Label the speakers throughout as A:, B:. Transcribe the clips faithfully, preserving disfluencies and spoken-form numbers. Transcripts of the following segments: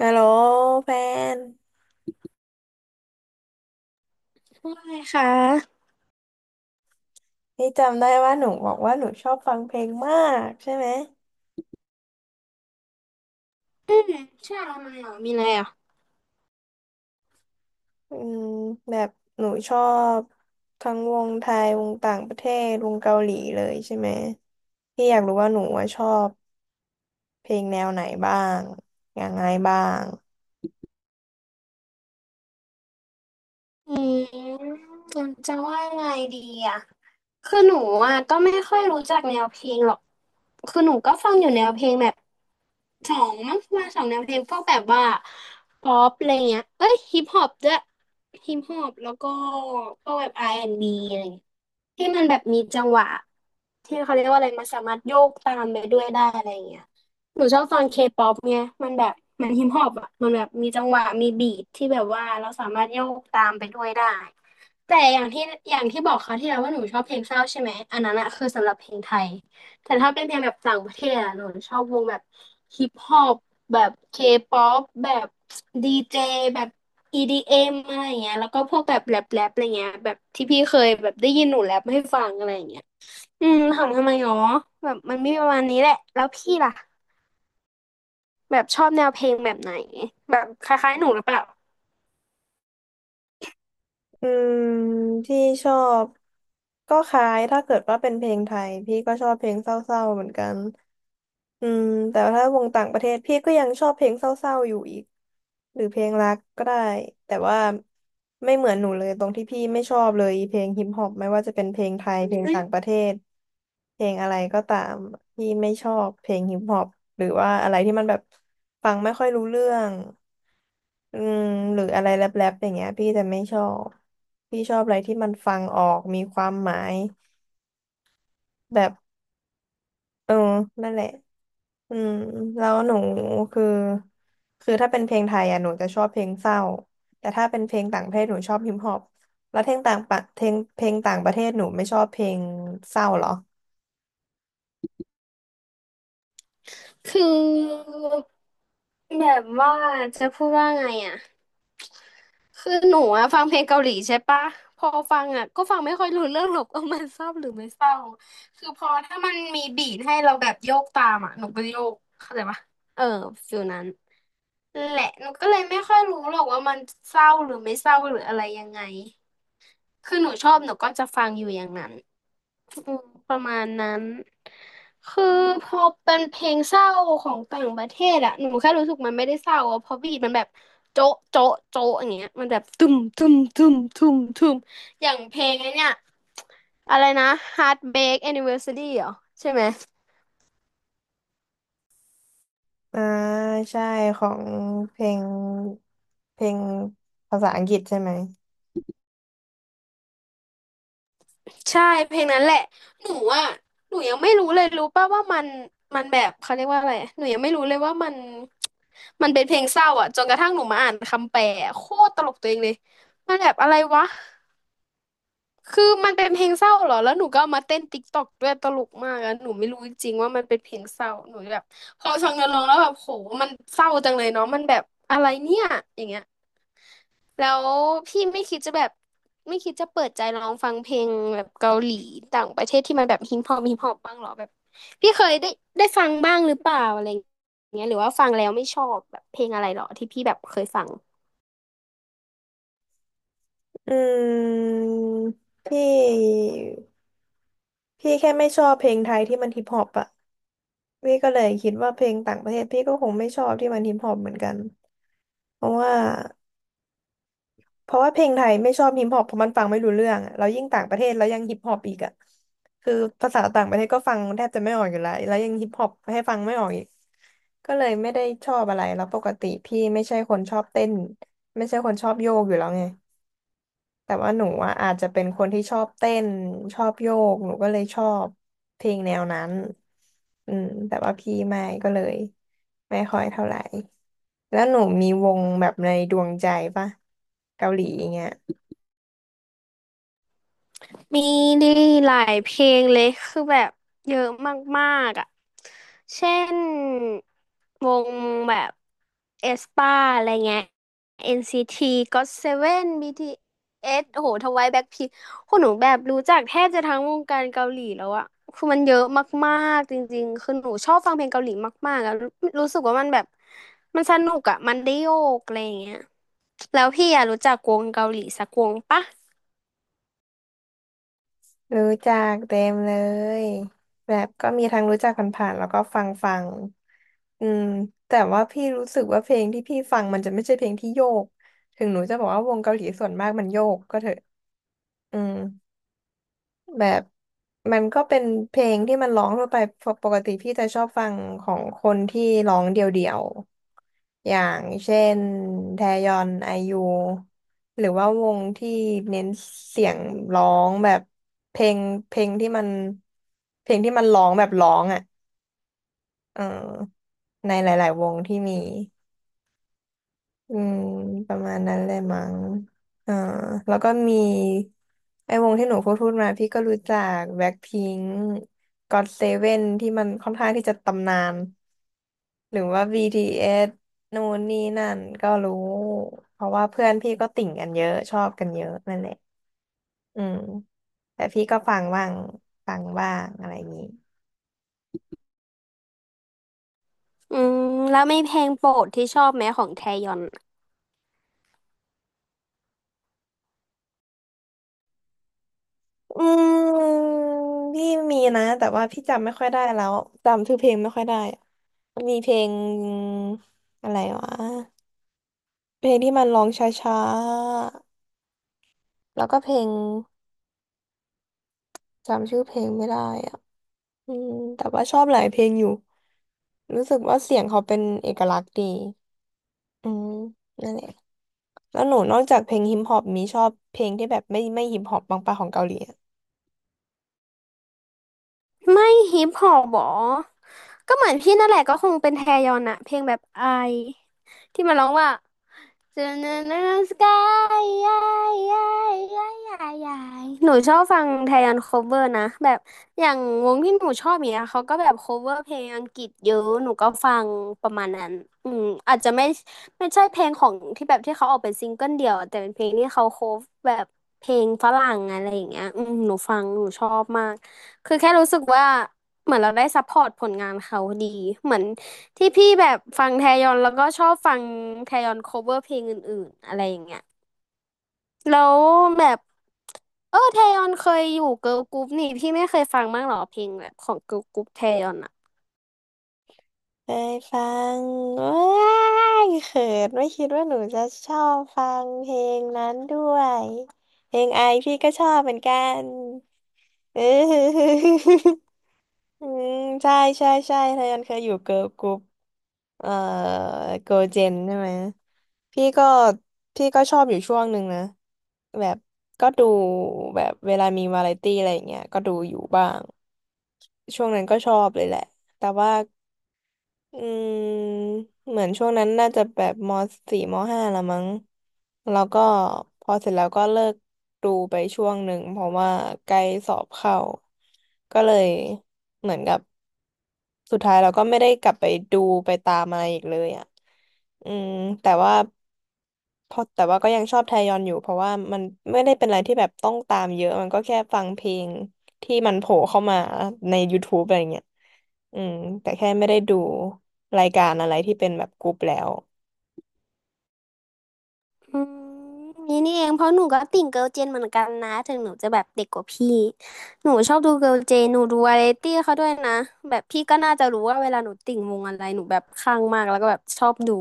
A: ฮัลโหลแฟน
B: ว่าไงคะ
A: นี่จำได้ว่าหนูบอกว่าหนูชอบฟังเพลงมากใช่ไหม
B: อืมใช่ออะไรมาเหรอะมีอะไรอ่ะ
A: อืมแบบหนูชอบทั้งวงไทย วงต่างประเทศ วงเกาหลีเลยใช่ไหม พี่อยากรู้ว่าหนูว่าชอบเพลงแนวไหนบ้างยังไงบ้าง
B: อืมจะว่ายไงดีอ่ะ คือหนูอ่ะก็ไม่ค่อยรู้จักแนวเพลงหรอก คือหนูก็ฟังอยู่แนวเพลงแบบ สองมั้งว่าสองแนวเพลงพวกแบบว่าป๊อปอะไรเงี้ยเอ้ยฮิปฮอปด้วยฮิปฮอปแล้วก็พวกแบบ อาร์ แอนด์ บี อนด์บีอะไรเงี้ยที่มันแบบมีจังหวะที่เขาเรียกว่าอะไรมันสามารถโยกตามไปด้วยได้อะไรเงี้ยหนูชอบฟังเคป๊อปเนี่ยมันแบบมันฮิปฮอปอ่ะมันแบบมีจังหวะมีบีทที่แบบว่าเราสามารถโยกตามไปด้วยได้แต่อย่างที่อย่างที่บอกเขาวที่แล้วว่าหนูชอบเพลงเศร้าใช่ไหมอันนั้นอะคือสำหรับเพลงไทย แต่ถ้าเป็นเพลงแบบต่างประเทศอะหนูชอบวงแบบฮิปฮอปแบบเคป๊อปแบบดีเจแบบ อี ดี เอ็ม อมอะไรอย่างเงี้ยแล้วก็พวกแบบแรปแรปอะไรเงี้ยแบบที่พี่เคยแบบได้ยินหนูแรปให้ฟังอะไรอย่างเงี้ยอืมถามทำไมหรอแบบมันมีประมาณนี้แหละแล้วพี่ล่ะแบบชอบแนวเพลงแบบไหนแบบคล้ายๆหนูหรือเปล่า
A: อืมพี่ชอบก็คล้ายถ้าเกิดว่าเป็นเพลงไทยพี่ก็ชอบเพลงเศร้าๆเหมือนกันอืมแต่ว่าถ้าวงต่างประเทศพี่ก็ยังชอบเพลงเศร้าๆอยู่อีกหรือเพลงรักก็ได้แต่ว่าไม่เหมือนหนูเลยตรงที่พี่ไม่ชอบเลยเพลงฮิปฮอปไม่ว่าจะเป็นเพลงไทยเพลงต่างประเทศเพลงอะไรก็ตามพี่ไม่ชอบเพลงฮิปฮอปหรือว่าอะไรที่มันแบบฟังไม่ค่อยรู้เรื่อง อืมหรืออะไรแรปๆอย่างเงี้ยพี่จะไม่ชอบพี่ชอบอะไรที่มันฟังออกมีความหมายแบบเออนั่นแหละอืมแล้วหนูคือคือถ้าเป็นเพลงไทยอ่ะหนูจะชอบเพลงเศร้าแต่ถ้าเป็นเพลงต่างประเทศหนูชอบฮิปฮอปแล้วเพลงต่างประเพลงเพลงต่างประเทศหนูไม่ชอบเพลงเศร้าเหรอ
B: คือแบบว่าจะพูดว่าไงอ่ะ คือหนูอะฟังเพลงเกาหลีใช่ปะพอฟังอะก็ฟังไม่ค่อยรู้เรื่องหรอก เออมันเศร้าหรือไม่เศร้าคือพอถ้ามันมีบีทให้เราแบบโยกตามอะหนูก็โยกเข้าใจปะเออฟิลนั้นแหละหนูก็เลยไม่ค่อยรู้หรอกว่ามันเศร้าหรือไม่เศร้าหรืออะไรยังไง คือหนูชอบหนูก็จะฟังอยู่อย่างนั้นอืมประมาณนั้นคือพอเป็นเพลงเศร้าของต่างประเทศอะหนูแค่รู้สึกมันไม่ได้เศร้าอะเพราะบีทมันแบบโจ๊ะโจ๊ะโจ๊ะอย่างเงี้ยมันแบบตุ้มตุ้มตุ้มตุ้มตุ้มอย่างเพลงไอ้เนี่ยอะไรนะ Heartbreak Anniversary เหรอใช่ไหม
A: อ่าใช่ของเพลงเพลงภาษาอังกฤษใช่ไหม
B: ใช่เพลงนั้นแหละหนูอ่ะหนูยังไม่รู้เลยรู้ป่ะว่ามันมันแบบเขาเรียกว่าอะไรหนูยังไม่รู้เลยว่ามันมันเป็นเพลงเศร้าอ่ะจนกระทั่งหนูมาอ่านคำแปลอะโคตรตลกตัวเองเลยมันแบบอะไรวะคือมันเป็นเพลงเศร้าเหรอแล้วหนูก็เอามาเต้นติ๊กต็อกด้วยตลกมากอะหนูไม่รู้จริงๆว่ามันเป็นเพลงเศร้าหนูแบบพอฟังเนื้อร้องแล้วแบบโหมันเศร้าจังเลยเนาะมันแบบอะไรเนี่ยอย่างเงี้ย แล้วพี่ไม่คิดจะแบบไม่คิดจะเปิดใจลองฟังเพลงแบบเกาหลีต่างประเทศที่มันแบบฮิปฮอปฮิปฮอปบ้างเหรอแบบพี่เคยได้ได้ฟังบ้างหรือเปล่าอะไรอย่างเงี้ยหรือว่าฟังแล้วไม่ชอบแบบเพลงอะไรเหรอที่พี่แบบเคยฟัง
A: อืมพี่ พี่แค่ไม่ชอบเพลงไทยที่มันฮิปฮอปอะพี่ก็เลยคิดว่าเพลงต่างประเทศพี่ก็คงไม่ชอบที่มันฮิปฮอปเหมือนกันเพราะว่าเพราะว่าเพลงไทยไม่ชอบฮิปฮอปเพราะมันฟังไม่รู้เรื่องอะแล้วยิ่งต่างประเทศแล้วยังฮิปฮอปอีกอะคือภาษาต่างประเทศก็ฟังแทบจะไม่ออกอยู่แล้วแล้วยังฮิปฮอปให้ฟังไม่ออกอีกก็เลยไม่ได้ชอบอะไรแล้วปกติพี่ไม่ใช่คนชอบเต้นไม่ใช่คนชอบโยกอยู่แล้วไง แต่ว่าหนูอะอาจจะเป็นคนที่ชอบเต้นชอบโยกหนูก็เลยชอบเพลงแนวนั้นอืมแต่ว่าพี่ไม่ก็เลยไม่ค่อยเท่าไหร่แล้วหนูมีวงแบบในดวงใจปะเกาหลีอย่างเงี้ย
B: มีดีหลายเพลงเลยคือแบบเยอะมากๆอ่ะเช่นวงแบบเอสปาอะไรเงี้ย เอ็น ซี ที จี โอ ที เซเว่น บี ที เอส โอ้โหทวายแบ็คพิงคนหนูแบบรู้จักแทบจะทั้งวงการเกาหลีแล้วอะคือมันเยอะมากๆจริงๆ คือหนูชอบฟังเพลงเกาหลีมากๆอะรู้รู้สึกว่ามันแบบมันสนุกอะมันได้โยกอะไรอย่างเงี้ยแล้วพี่อะรู้จักวงเกาหลีสักวงปะ
A: รู้จักเต็มเลยแบบก็มีทั้งรู้จักผ่านๆแล้วก็ฟังฟังอืมแต่ว่าพี่รู้สึกว่าเพลงที่พี่ฟังมันจะไม่ใช่เพลงที่โยกถึงหนูจะบอกว่าวงเกาหลีส่วนมากมันโยกก็เถอะอืม แบบมันก็เป็นเพลงที่มันร้องทั่วไปปกปกติพี่จะชอบฟังของคนที่ร้องเดี่ยวๆอย่างเช่นแทยอนไอยูหรือว่าวงที่เน้นเสียงร้องแบบเพลงเพลงที่มันเพลงที่มันร้องแบบร้องอ่ะเออในหลายๆวงที่มี อืมประมาณนั้นเลยมั้งอ่าแล้วก็มีไอ้วงที่หนูพูดพูดมาพี่ก็รู้จักแบ็คพิงค์ก็อตเซเว่นที่มันค่อนข้างที่จะตำนานหรือว่า บี ที เอส นู่นนี่นั่นก็รู้เพราะว่าเพื่อนพี่ก็ติ่งกันเยอะชอบกันเยอะนั่นแหละอืมแต่พี่ก็ฟังบ้างฟังบ้างอะไรอย่างนี้
B: อืมแล้วไม่เพลงโปรดที่ชอบไหมของแทยอน
A: อืมพี่มีนะแต่ว่าพี่จำไม่ค่อยได้แล้วจำชื่อเพลงไม่ค่อยได้ มีเพลงอะไรวะเพลงที่มันร้องช้าๆแล้วก็เพลงจำชื่อเพลงไม่ได้อ่ะอืมแต่ว่าชอบหลายเพลงอยู่รู้สึกว่าเสียงเขาเป็นเอกลักษณ์ดีอืมนั่นแหละแล้วหนูนอกจากเพลงฮิปฮอปมีชอบเพลงที่แบบไม่ไม่ฮิปฮอปบ้างปะของเกาหลี
B: ไม่ฮิปฮอปหรอก็เหมือนพี่นั่นแหละก็คงเป็นแทยอนอะเพลงแบบไอ ที่มันร้องว่า a Sky หนูชอบฟังไทยอันโคเวอร์นะแบบอย่างวงที่หนูชอบอย่างเนี้ยเขาก็แบบโคเวอร์เพลงอังกฤษเยอะหนูก็ฟังประมาณนั้นอืมอาจจะไม่ไม่ใช่เพลงของที่แบบที่เขาออกเป็นซิงเกิลเดี่ยวแต่เป็นเพลงที่เขาโคฟแบบเพลงฝรั่งอะไรอย่างเงี้ยอืมหนูฟังหนูชอบมากคือแค่รู้สึกว่าเหมือนเราได้ซัพพอร์ตผลงานเขาดีเหมือน ที่พี่แบบฟังแทยอนแล้วก็ชอบฟังแทยอน cover เพลงอื่นๆอะไรอย่างเงี้ยแล้วแบบเออแทยอนเคยอยู่เกิร์ลกรุ๊ปนี่พี่ไม่เคยฟังบ้างเหรอเพลงแบบของเกิร์ลกรุ๊ปแทยอนอ่ะ
A: เคยฟังว้ายเขินไม่คิดว่าหนูจะชอบฟังเพลงนั้นด้วยเพลงไอพี่ก็ชอบเหมือนกัน เอออืมใช่ใช่ใช่เธอยันเคยอยู่เกิร์ลกรุ๊ปเอ่อเกิร์ลเจนใช่ไหมพี่ก็พี่ก็ชอบอยู่ช่วงหนึ่งนะแบบก็ดูแบบเวลามีวาไรตี้อะไรอย่างเงี้ยก็ดูอยู่บ้างช่วงนั้นก็ชอบเลยแหละแต่ว่า อืมเหมือนช่วงนั้นน่าจะแบบมสี่มห้าละมั้งแล้วก็พอเสร็จแล้วก็เลิกดูไปช่วงหนึ่งเพราะว่าใกล้สอบเข้าก็เลยเหมือนกับสุดท้ายเราก็ไม่ได้กลับไปดูไปตามอะไรอีกเลยอ่ะอืมแต่ว่า เพราะแต่ว่าก็ยังชอบไทยยอนอยู่เพราะว่ามันไม่ได้เป็นอะไรที่แบบต้องตามเยอะมันก็แค่ฟังเพลงที่มันโผล่เข้ามาใน y o u ูบอะไรเงี้ยอืมแต่แค่ไม่ได้ดูรายการอะไรที่เป็นแบบกรุ๊ปแล้ว
B: อืมนี่นี่เองเพราะหนูก็ติ่งเกิร์ลเจนเหมือนกันนะถึงหนูจะแบบเด็กกว่าพี่หนูชอบดูเกิร์ลเจนหนูดูวาไรตี้เขาด้วยนะแบบพี่ก็น่าจะรู้ว่าเวลาหนูติ่งวงอะไรหนูแบบขัางมากแล้วก็แบบชอบดู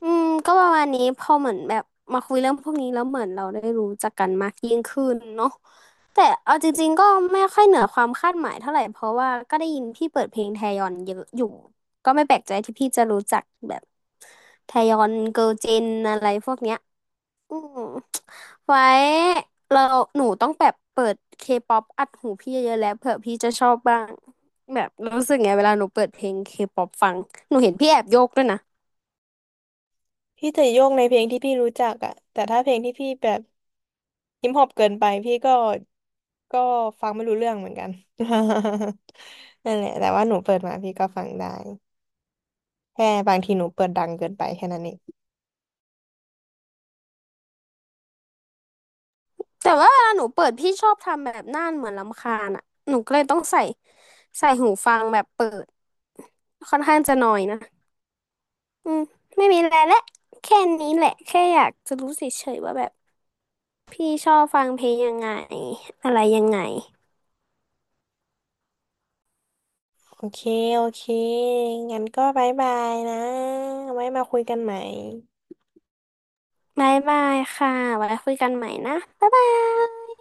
B: อืมก็ประมาณนี้พอเหมือนแบบมาคุยเรื่องพวกนี้แล้วเหมือนเราได้รู้จักกันมากยิ่งขึ้นเนาะแต่เอาจริงๆก็ไม่ค่อยเหนือความคาดหมายเท่าไหร่เพราะว่าก็ได้ยินพี่เปิดเพลงแทยอนเยอะอยู่ก็ไม่แปลกใจที่พี่จะรู้จักแบบแทยอนเกิร์ลเจนอะไรพวกเนี้ยอืมไว้เราหนูต้องแบบเปิดเคป๊อปอัดหูพี่เยอะๆแล้วเผื่อพี่จะชอบบ้างแบบรู้สึกไงเวลาหนูเปิดเพลงเคป๊อปฟังหนูเห็นพี่แอบโยกด้วยนะ
A: พี่จะโยกในเพลงที่พี่รู้จักอะแต่ถ้าเพลงที่พี่แบบฮิปฮอปเกินไปพี่ก็ก็ฟังไม่รู้เรื่องเหมือนกัน นั่นแหละแต่ว่าหนูเปิดมาพี่ก็ฟังได้แค่บางทีหนูเปิดดังเกินไปแค่นั้นเอง
B: แต่ว่าเวลาหนูเปิดพี่ชอบทำแบบหน้าเหมือนรำคาญอ่ะหนูก็เลยต้องใส่ใส่หูฟังแบบเปิดค่อนข้างจะหน่อยนะอืมไม่มีอะไรและแค่นี้แหละแค่อยากจะรู้เฉยๆว่าแบบพี่ชอบฟังเพลงยังไงอะไรยังไง
A: โอเค โอเค งั้นก็บายบายนะไว้มาคุยกันใหม่
B: บายบายค่ะไว้คุยกันใหม่นะบ๊ายบาย